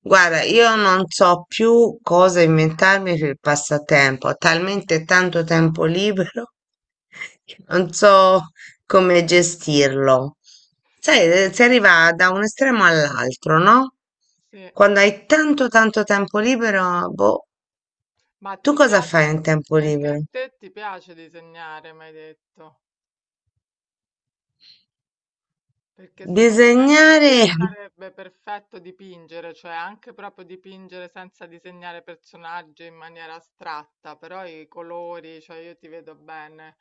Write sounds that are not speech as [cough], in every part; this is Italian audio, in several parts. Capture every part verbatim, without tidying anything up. Guarda, io non so più cosa inventarmi per il passatempo, ho talmente tanto tempo libero [laughs] che non so come gestirlo. Sai, eh, si arriva da un estremo all'altro, no? Sì, Quando hai tanto tanto tempo libero, boh, ma tu ti cosa fai piace in tempo perché a libero? te ti piace disegnare, mi hai detto. Perché secondo me per Disegnare. te [laughs] sarebbe perfetto dipingere, cioè anche proprio dipingere senza disegnare personaggi in maniera astratta, però i colori, cioè io ti vedo bene,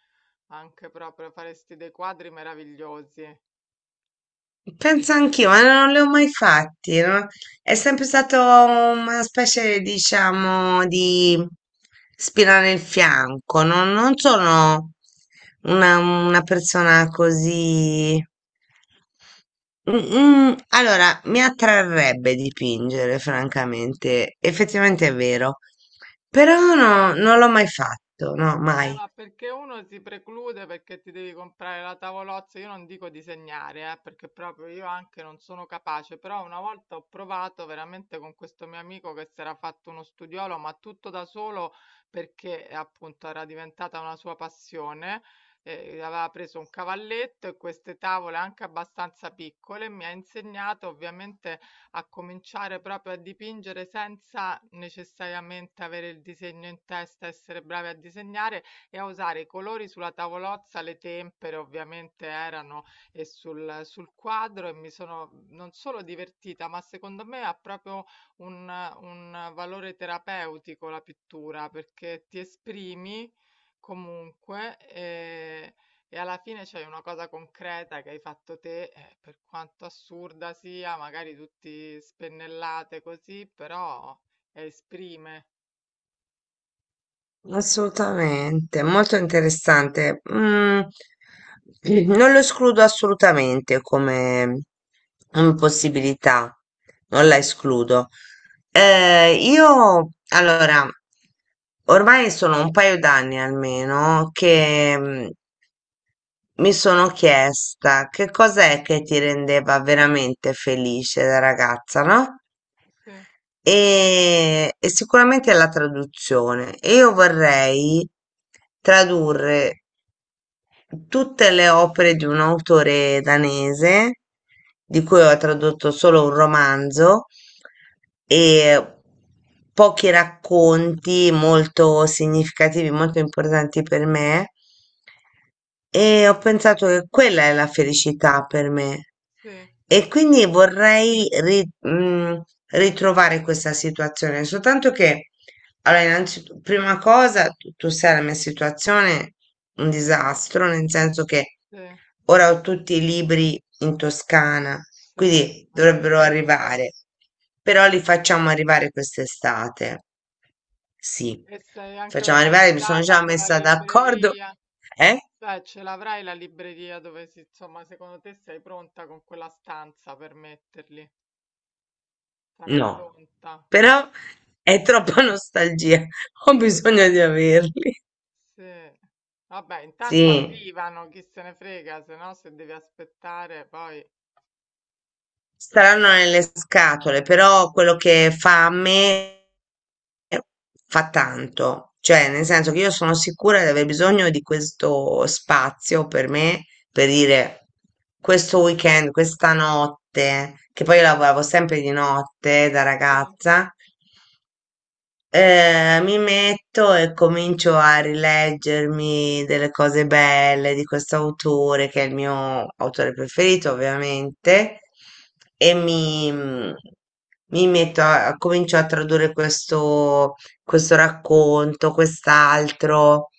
anche proprio faresti dei quadri meravigliosi. Penso anch'io, ma non li ho mai fatti, no? È sempre stato una specie, diciamo, di spina nel fianco, no? Non sono una, una persona così. Mm, mm, Allora, mi attrarrebbe dipingere, francamente. Effettivamente è vero, però no, non l'ho mai fatto, no, Eh, mai. ma perché uno si preclude perché ti devi comprare la tavolozza? Io non dico disegnare, eh, perché proprio io anche non sono capace, però una volta ho provato veramente con questo mio amico che si era fatto uno studiolo, ma tutto da solo perché eh, appunto era diventata una sua passione. Eh, aveva preso un cavalletto e queste tavole anche abbastanza piccole, mi ha insegnato ovviamente a cominciare proprio a dipingere senza necessariamente avere il disegno in testa, essere bravi a disegnare e a usare i colori sulla tavolozza, le tempere ovviamente erano e sul, sul quadro e mi sono non solo divertita, ma secondo me ha proprio un, un valore terapeutico la pittura perché ti esprimi comunque e, e alla fine c'è una cosa concreta che hai fatto te, eh, per quanto assurda sia, magari tutti spennellate così, però esprime. Assolutamente, molto interessante. Mm, non lo escludo assolutamente come, come possibilità, non la escludo. Eh, io, allora, ormai sono un paio d'anni almeno che mm, mi sono chiesta che cos'è che ti rendeva veramente felice da ragazza, no? Sì, E, e sicuramente è la traduzione. E io vorrei tradurre tutte le opere di un autore danese, di cui ho tradotto solo un romanzo, e pochi racconti molto significativi, molto importanti per me. E ho pensato che quella è la felicità per me. sì, E quindi vorrei ri- mm, ritrovare questa situazione, soltanto che allora, innanzitutto, prima cosa, tu, tu sai la mia situazione, è un disastro, nel senso che sì. ora ho tutti i libri in Toscana, Sì, me quindi l'avevi dovrebbero detto. arrivare, però li facciamo arrivare quest'estate. Sì, E sei anche facciamo arrivare, mi sono organizzata già con la messa d'accordo. libreria, Eh? cioè ce l'avrai la libreria dove si, insomma, secondo te sei pronta con quella stanza per metterli? Sarai No, pronta? Ah, però è troppa nostalgia, [laughs] ho ah, bisogno di averli. sì. Vabbè, intanto Sì. arrivano, chi se ne frega, se no se devi aspettare poi... Staranno nelle scatole, però quello che fa a me fa tanto, cioè nel Eh, senso che io sono sicura di aver bisogno di questo spazio per me, per dire questo weekend, questa notte, che poi io sì, lavoravo sempre di notte da sì, ragazza, eh, mi metto e comincio a rileggermi delle cose belle di questo autore, che è il mio autore preferito, ovviamente, e mi, mm, mi metto a, a- comincio a tradurre questo, questo racconto, quest'altro,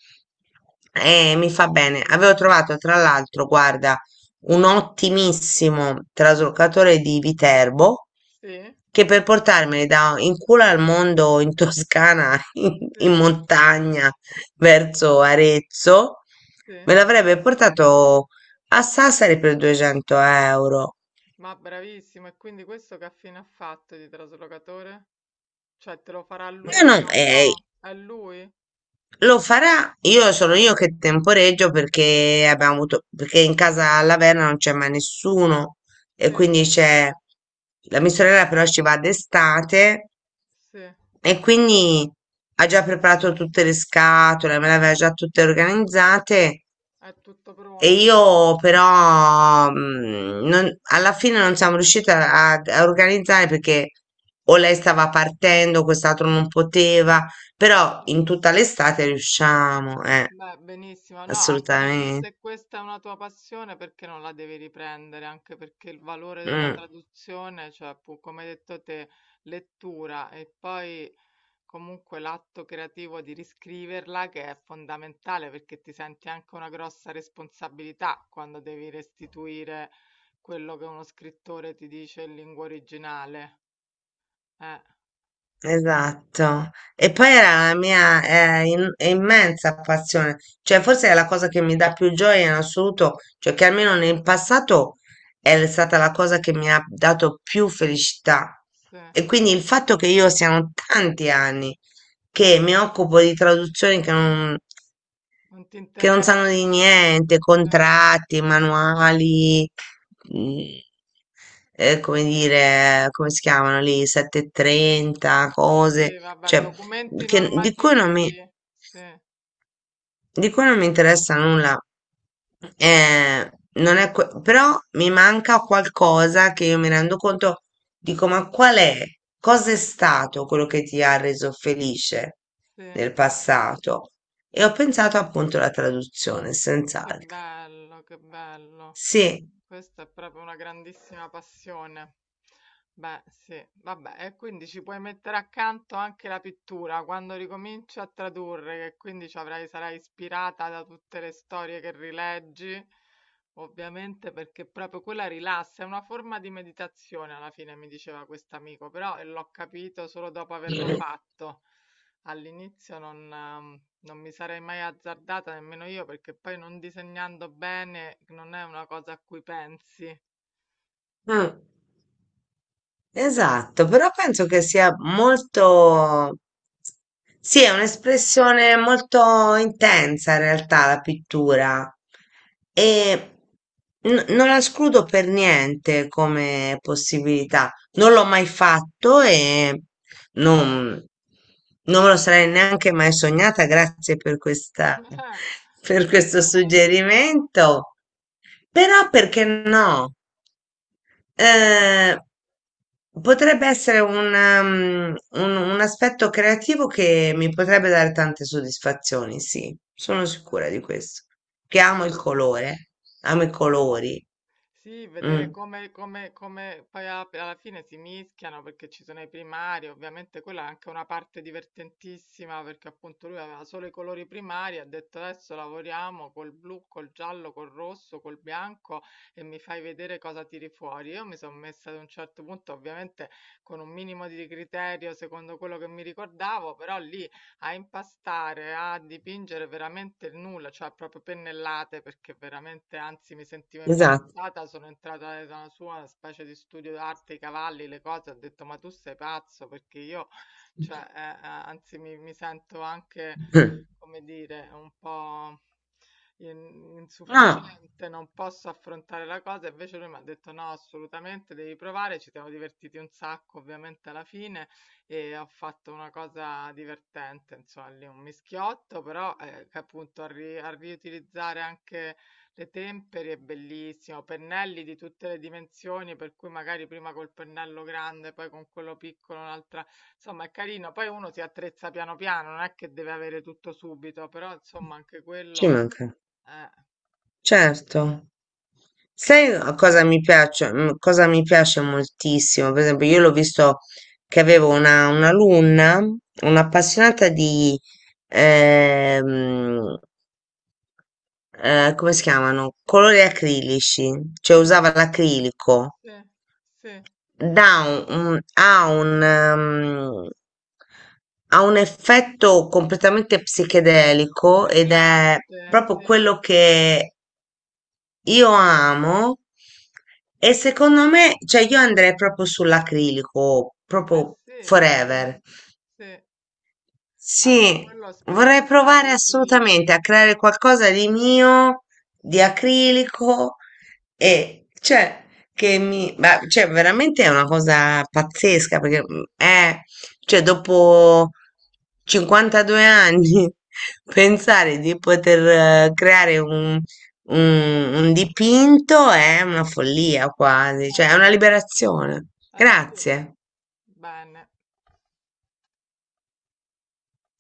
e mi fa bene. Avevo trovato, tra l'altro, guarda, un ottimissimo traslocatore di Viterbo sì, che per portarmeli da in culo al mondo in Toscana, [laughs] in, in sì, montagna, verso Arezzo, sì. me l'avrebbe portato a Sassari per duecento euro. Ma bravissimo, e quindi questo che affine ha fatto di traslocatore? Cioè, te lo farà No, lui no, tra un eh, po'? È lui? Eh, lo farà. Io sono io che temporeggio perché abbiamo avuto, perché in casa alla Verna non c'è mai nessuno e sì, quindi c'è la mia sorella però ci va d'estate. sì, E quindi ha già preparato tutte le scatole, me le aveva già tutte organizzate è tutto e pronto. io però mm, non- alla fine non siamo riusciti a, a- a organizzare perché o lei stava partendo, quest'altro non poteva, però Sì. in tutta l'estate riusciamo, eh, Beh, benissimo. No, anche perché assolutamente. se questa è una tua passione, perché non la devi riprendere? Anche perché il valore della Mm. traduzione, cioè, pu- come hai detto te, lettura e poi comunque l'atto creativo di riscriverla che è fondamentale perché ti senti anche una grossa responsabilità quando devi restituire quello che uno scrittore ti dice in lingua originale. Eh, Esatto. E poi era la mia eh, im- immensa passione, cioè forse è la cosa che mi dà più gioia in assoluto, cioè che almeno nel passato è stata la cosa che mi ha dato più felicità. sì, E quindi il fatto che io siano tanti anni che mi occupo di traduzioni che non non ti che non sanno di interessa? niente, Sì, contratti, manuali, mm, eh, come dire, come si chiamano lì, settecentotrenta, cose, sì, vabbè, cioè, documenti che- di cui non mi, normativi. Sì, di cui non mi interessa nulla. Eh, non è que- però mi manca qualcosa che io mi rendo conto, dico, ma qual è? Cosa è stato quello che ti ha reso felice sì, nel passato? E ho pensato appunto alla traduzione, che senz'altro. bello, che bello. Sì, Questa è proprio una grandissima passione. Beh, sì, vabbè, e quindi ci puoi mettere accanto anche la pittura quando ricominci a tradurre, che quindi ci avrai, sarai ispirata da tutte le storie che rileggi, ovviamente perché proprio quella rilassa, è una forma di meditazione alla fine, mi diceva quest'amico, però eh, l'ho capito solo dopo averlo fatto. All'inizio non, ehm, non mi sarei mai azzardata nemmeno io, perché poi non disegnando bene non è una cosa a cui pensi. mm, esatto, però penso che sia molto, sì, è un'espressione molto intensa in realtà la pittura e n- non la escludo per niente come possibilità. Non l'ho mai fatto e non, non me lo sarei neanche mai sognata. Grazie per questa, [laughs] [laughs] per Una questo cosa diversa. suggerimento. Però perché no? Eh, potrebbe essere un, ehm, un- un aspetto creativo che mi potrebbe dare tante soddisfazioni, sì, sono sicura di questo. Che amo il colore, amo i colori. Sì, vedere Mm, come, come, come poi a- alla fine si mischiano perché ci sono i primari, ovviamente quella è anche una parte divertentissima perché appunto lui aveva solo i colori primari, ha detto adesso lavoriamo col blu, col giallo, col rosso, col bianco e mi fai vedere cosa tiri fuori. Io mi sono messa ad un certo punto, ovviamente con un minimo di criterio secondo quello che mi ricordavo, però lì a impastare, a dipingere veramente il nulla, cioè proprio pennellate perché veramente, anzi, mi sentivo esatto. imbarazzata. Sono entrata nella sua una specie di studio d'arte, i cavalli, le cose. Ho detto, ma tu sei pazzo perché io, cioè, [laughs] eh, eh, anzi, mi, mi sento anche, [clears throat] come dire, un po' in- No, insufficiente, non posso affrontare la cosa. Invece lui mi ha detto no, assolutamente devi provare. Ci siamo divertiti un sacco, ovviamente alla fine. E ho fatto una cosa divertente, insomma, lì un mischiotto, però eh, che appunto a, ri- a riutilizzare anche le tempere è bellissimo, pennelli di tutte le dimensioni, per cui magari prima col pennello grande, poi con quello piccolo, un'altra, insomma è carino, poi uno si attrezza piano piano, non è che deve avere tutto subito, però insomma anche ci quello, manca. eh, Certo. Sai a cosa mi piace mhmm, cosa mi piace moltissimo? Per esempio, io l'ho visto che avevo una un'alunna, un'appassionata di, ehm, ehm, come si chiamano, colori acrilici, cioè sì, usava l'acrilico. sì, sì, Dà un un ha un mhmm, ha un effetto completamente psichedelico ed è brillante, proprio sì, eh quello che io amo e secondo me, cioè io andrei proprio sull'acrilico, proprio sì, sì. forever. Sì, anche Sì, quello a vorrei sperimentare provare i tipi. assolutamente a creare qualcosa di mio, di acrilico e cioè che mi, ma, cioè veramente è una cosa pazzesca perché mm, [laughs] è, cioè dopo cinquantadue anni [laughs] pensare di poter eh, creare un, un un dipinto è una follia quasi, Eh, cioè è una liberazione. eh sì, Grazie. bene.